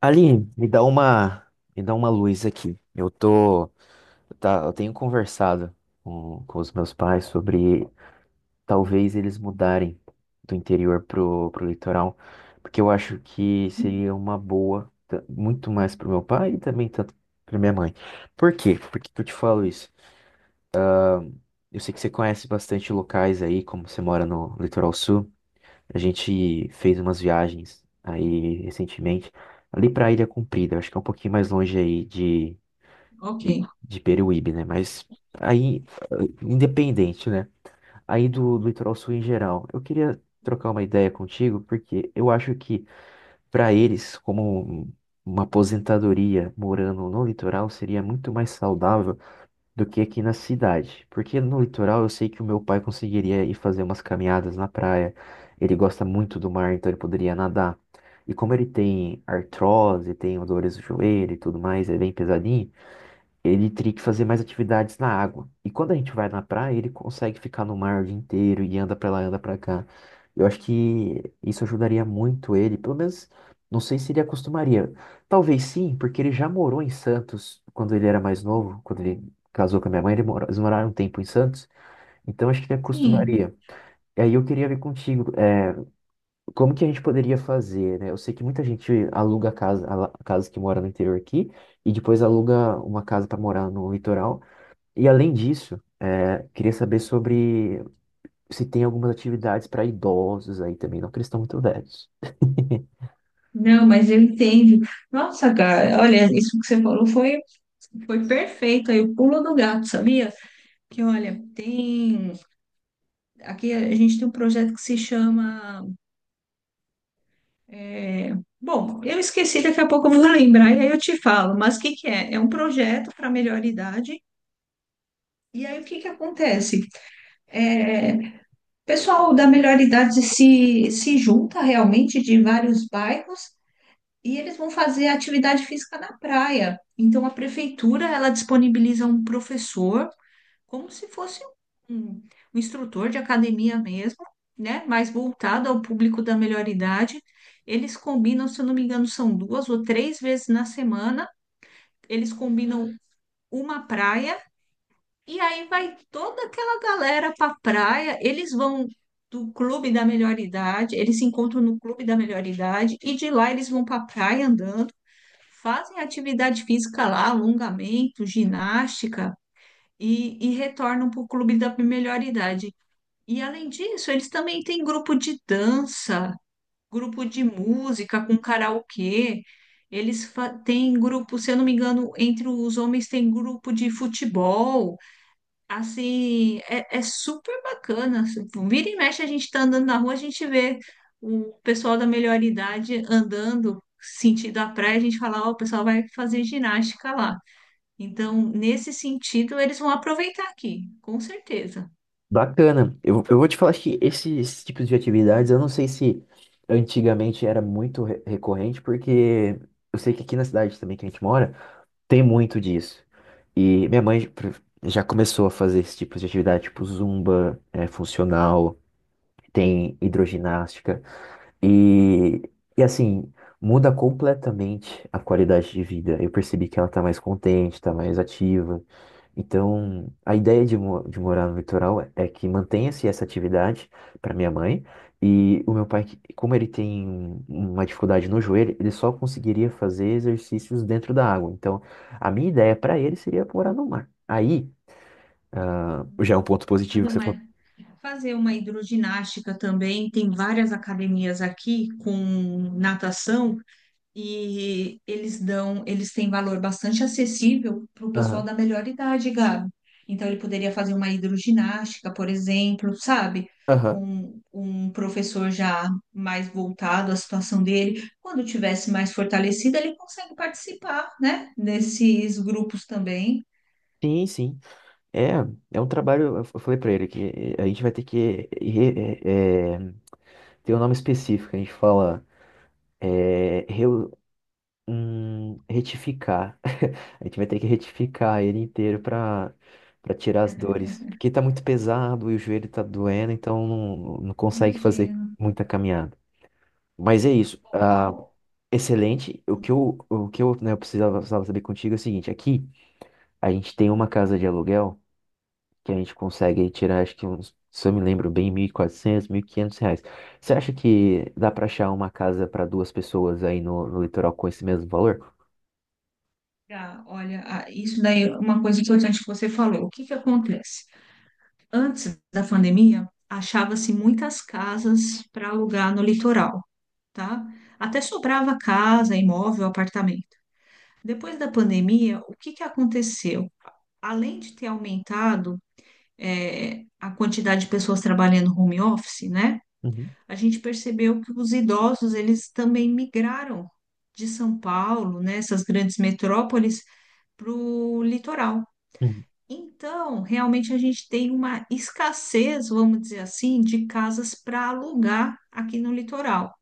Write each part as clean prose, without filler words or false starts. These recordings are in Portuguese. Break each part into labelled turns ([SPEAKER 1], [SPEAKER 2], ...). [SPEAKER 1] Aline, me dá uma luz aqui. Tá, eu tenho conversado com os meus pais sobre talvez eles mudarem do interior pro litoral, porque eu acho que seria uma boa, muito mais pro meu pai e também tanto pra minha mãe. Por quê? Por que que eu te falo isso? Eu sei que você conhece bastante locais aí, como você mora no litoral sul. A gente fez umas viagens aí recentemente, ali pra Ilha Comprida, acho que é um pouquinho mais longe aí de,
[SPEAKER 2] Ok,
[SPEAKER 1] de Peruíbe, né? Mas aí, eh, independente, né? Aí do litoral sul em geral, eu queria trocar uma ideia contigo, porque eu acho que pra eles, uma aposentadoria morando no litoral, seria muito mais saudável do que aqui na cidade. Porque no litoral eu sei que o meu pai conseguiria ir fazer umas caminhadas na praia. Ele gosta muito do mar, então ele poderia nadar. E como ele tem artrose, tem dores no joelho e tudo mais, é bem pesadinho, ele teria que fazer mais atividades na água. E quando a gente vai na praia, ele consegue ficar no mar o dia inteiro e anda pra lá, anda pra cá. Eu acho que isso ajudaria muito ele, pelo menos não sei se ele acostumaria. Talvez sim, porque ele já morou em Santos quando ele era mais novo, quando ele casou com a minha mãe, ele morou, eles moraram um tempo em Santos, então acho que ele
[SPEAKER 2] sim.
[SPEAKER 1] acostumaria. E aí eu queria ver contigo, como que a gente poderia fazer, né? Eu sei que muita gente aluga casa, casa que mora no interior aqui, e depois aluga uma casa para morar no litoral. E além disso, queria saber sobre se tem algumas atividades para idosos aí também, não que eles estão muito velhos.
[SPEAKER 2] Não, mas eu entendo. Nossa, cara, olha, isso que você foi perfeito. Aí o pulo do gato, sabia? Que olha, tem. Aqui a gente tem um projeto que se chama. é, Bom, eu esqueci, daqui a pouco eu vou lembrar e aí eu te falo. Mas o que que é? É um projeto para melhor idade. E aí o que que acontece? É, o pessoal da melhor idade se junta realmente de vários bairros. E eles vão fazer atividade física na praia. Então a prefeitura ela disponibiliza um professor como se fosse um, um instrutor de academia mesmo, né? Mais voltado ao público da melhor idade. Eles combinam, se eu não me engano, são duas ou três vezes na semana. Eles combinam uma praia e aí vai toda aquela galera para praia. Eles vão do clube da melhor idade, eles se encontram no clube da melhor idade e de lá eles vão para praia andando, fazem atividade física lá, alongamento, ginástica e retornam para o clube da melhor idade. E além disso, eles também têm grupo de dança, grupo de música com karaokê. Têm grupo, se eu não me engano, entre os homens tem grupo de futebol. Assim, é, é super bacana. Assim, tipo, vira e mexe, a gente tá andando na rua, a gente vê o pessoal da melhor idade andando sentido à praia, a gente fala, ó, o pessoal vai fazer ginástica lá. Então, nesse sentido, eles vão aproveitar aqui, com certeza.
[SPEAKER 1] Bacana. Eu vou te falar que esses tipos de atividades, eu não sei se antigamente era muito recorrente, porque eu sei que aqui na cidade também que a gente mora, tem muito disso. E minha mãe já começou a fazer esse tipo de atividade, tipo zumba, é, funcional, tem hidroginástica. E, e assim, muda completamente a qualidade de vida. Eu percebi que ela tá mais contente, tá mais ativa. Então, a ideia de, de morar no litoral é, que mantenha-se essa atividade para minha mãe. E o meu pai, como ele tem uma dificuldade no joelho, ele só conseguiria fazer exercícios dentro da água. Então, a minha ideia para ele seria morar no mar. Aí, ah, já é um ponto positivo
[SPEAKER 2] Fazer
[SPEAKER 1] que você
[SPEAKER 2] uma,
[SPEAKER 1] falou.
[SPEAKER 2] fazer uma hidroginástica também, tem várias academias aqui com natação. E eles dão, eles têm valor bastante acessível para o pessoal
[SPEAKER 1] Aham,
[SPEAKER 2] da melhor idade, Gabi. Então ele poderia fazer uma hidroginástica, por exemplo, sabe?
[SPEAKER 1] aham.
[SPEAKER 2] Com um professor já mais voltado à situação dele. Quando tivesse mais fortalecido, ele consegue participar, né? Desses grupos também.
[SPEAKER 1] Sim, sim. É, é um trabalho. Eu falei pra ele que a gente vai ter que ter um nome específico. A gente fala é, reu- retificar. A gente vai ter que retificar ele inteiro pra para tirar as dores, porque tá muito pesado e o joelho tá doendo, então não, não consegue fazer
[SPEAKER 2] Imagina.
[SPEAKER 1] muita caminhada. Mas é isso. Ah,
[SPEAKER 2] Ao-
[SPEAKER 1] excelente. O que eu, né, eu precisava saber contigo é o seguinte: aqui a gente tem uma casa de aluguel que a gente consegue tirar, acho que uns, se eu me lembro bem, 1.400, quinhentos reais. Você acha que dá para achar uma casa para duas pessoas aí no, no litoral com esse mesmo valor?
[SPEAKER 2] Ah, olha, isso daí é uma coisa importante que você falou. O que que acontece? Antes da pandemia, achava-se muitas casas para alugar no litoral, tá? Até sobrava casa, imóvel, apartamento. Depois da pandemia, o que que aconteceu? Além de ter aumentado, a quantidade de pessoas trabalhando home office, né?
[SPEAKER 1] Uhum,
[SPEAKER 2] A gente percebeu que os idosos, eles também migraram de São Paulo, né, essas grandes metrópoles, para o litoral.
[SPEAKER 1] uhum,
[SPEAKER 2] Então, realmente a gente tem uma escassez, vamos dizer assim, de casas para alugar aqui no litoral.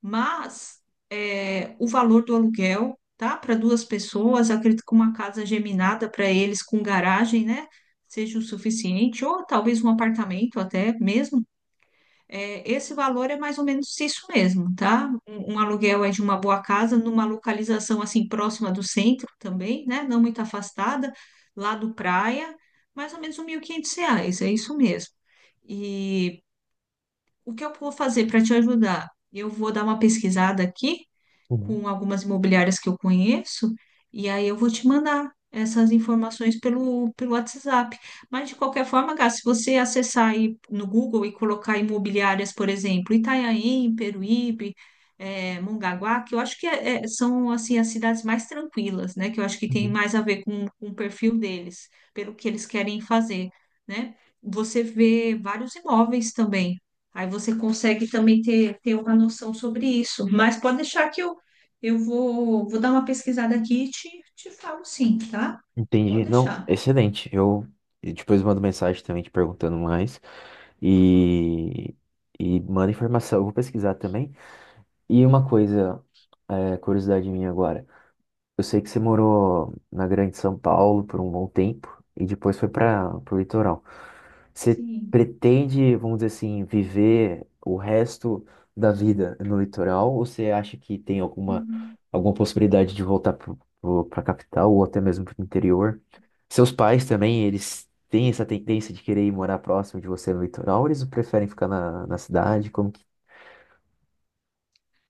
[SPEAKER 2] Mas é, o valor do aluguel, tá? Para duas pessoas, acredito que uma casa geminada para eles com garagem, né? Seja o suficiente, ou talvez um apartamento até mesmo. É, esse valor é mais ou menos isso mesmo, tá? Um aluguel é de uma boa casa, numa localização assim próxima do centro também, né? Não muito afastada, lá do praia, mais ou menos R$ 1.500, é isso mesmo. E o que eu vou fazer para te ajudar? Eu vou dar uma pesquisada aqui
[SPEAKER 1] uhum,
[SPEAKER 2] com algumas imobiliárias que eu conheço, e aí eu vou te mandar essas informações pelo WhatsApp. Mas de qualquer forma, Gá, se você acessar aí no Google e colocar imobiliárias, por exemplo, Itanhaém, Peruíbe, Mongaguá, que eu acho são assim as cidades mais tranquilas, né? Que eu acho que tem
[SPEAKER 1] uhum.
[SPEAKER 2] mais a ver com o perfil deles, pelo que eles querem fazer, né? Você vê vários imóveis também. Aí você consegue também ter uma noção sobre isso. Mas pode deixar que eu vou dar uma pesquisada aqui e te falo sim, tá?
[SPEAKER 1] Entendi.
[SPEAKER 2] Pode
[SPEAKER 1] Não,
[SPEAKER 2] deixar.
[SPEAKER 1] excelente. Eu E depois mando mensagem também te perguntando mais e, e mando informação. Eu vou pesquisar também. E uma coisa, curiosidade minha agora. Eu sei que você morou na Grande São Paulo por um bom tempo e depois foi para o litoral. Você
[SPEAKER 2] Sim.
[SPEAKER 1] pretende, vamos dizer assim, viver o resto da vida no litoral ou você acha que tem alguma,
[SPEAKER 2] Uhum.
[SPEAKER 1] alguma possibilidade de voltar para a capital ou até mesmo para o interior? Seus pais também, eles têm essa tendência de querer ir morar próximo de você no litoral ou eles preferem ficar na cidade? Como que...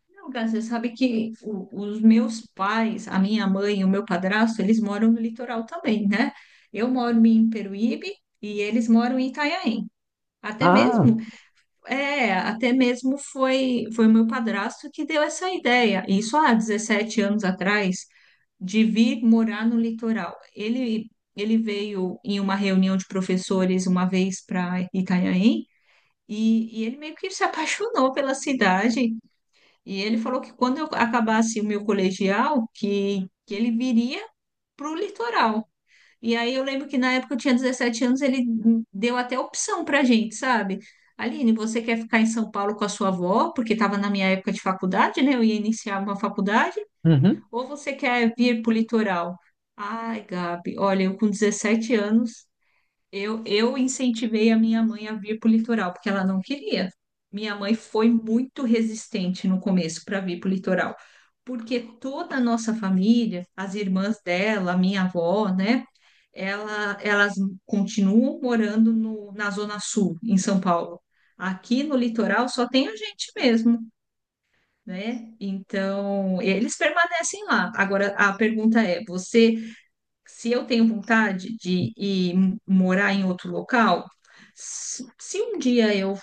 [SPEAKER 2] Não, Gás, você sabe que os meus pais, a minha mãe e o meu padrasto, eles moram no litoral também, né? Eu moro em Peruíbe e eles moram em Itanhaém. Até
[SPEAKER 1] Ah,
[SPEAKER 2] mesmo, é, até mesmo foi o meu padrasto que deu essa ideia. Isso há 17 anos atrás, de vir morar no litoral. Ele veio em uma reunião de professores uma vez para Itanhaém e ele meio que se apaixonou pela cidade. E ele falou que quando eu acabasse o meu colegial, que ele viria para o litoral. E aí eu lembro que na época eu tinha 17 anos, ele deu até opção para gente, sabe? Aline, você quer ficar em São Paulo com a sua avó? Porque estava na minha época de faculdade, né? Eu ia iniciar uma faculdade.
[SPEAKER 1] uhum.
[SPEAKER 2] Ou você quer vir para o litoral? Ai, Gabi, olha, eu com 17 anos, eu incentivei a minha mãe a vir para o litoral, porque ela não queria. Minha mãe foi muito resistente no começo para vir para o litoral, porque toda a nossa família, as irmãs dela, a minha avó, né? Elas continuam morando no, na Zona Sul, em São Paulo. Aqui no litoral só tem a gente mesmo, né? Então, eles permanecem lá. Agora, a pergunta é: se eu tenho vontade de ir morar em outro local, se um dia eu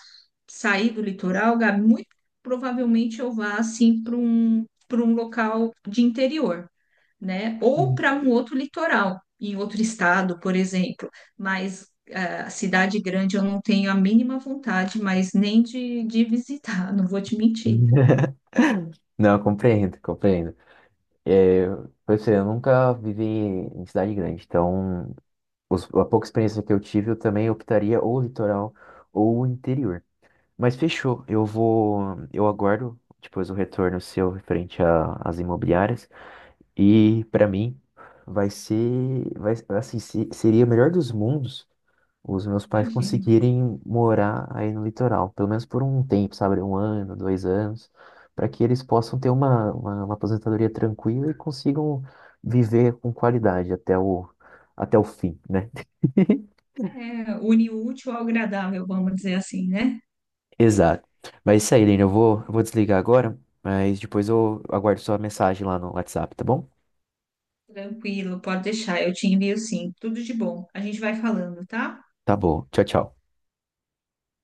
[SPEAKER 2] sair do litoral, Gabi, muito provavelmente eu vá assim para para um local de interior, né? Ou para um outro litoral, em outro estado, por exemplo. Mas ah, cidade grande eu não tenho a mínima vontade, mas nem de visitar, não vou te mentir.
[SPEAKER 1] Não, compreendo, compreendo. É, por isso, eu nunca vivi em cidade grande, então a pouca experiência que eu tive, eu também optaria ou o litoral ou o interior. Mas fechou, eu vou, eu aguardo depois o retorno seu referente às imobiliárias e para mim assim, seria o melhor dos mundos os meus pais
[SPEAKER 2] Imagina.
[SPEAKER 1] conseguirem morar aí no litoral, pelo menos por um tempo, sabe? Um ano, dois anos, para que eles possam ter uma, uma aposentadoria tranquila e consigam viver com qualidade até o, até o fim, né?
[SPEAKER 2] É, une o útil ao agradável, vamos dizer assim, né?
[SPEAKER 1] Exato. Mas é isso aí, Lina, eu vou desligar agora, mas depois eu aguardo sua mensagem lá no WhatsApp, tá bom?
[SPEAKER 2] Tranquilo, pode deixar, eu te envio sim, tudo de bom. A gente vai falando, tá?
[SPEAKER 1] Tá bom. Tchau, tchau.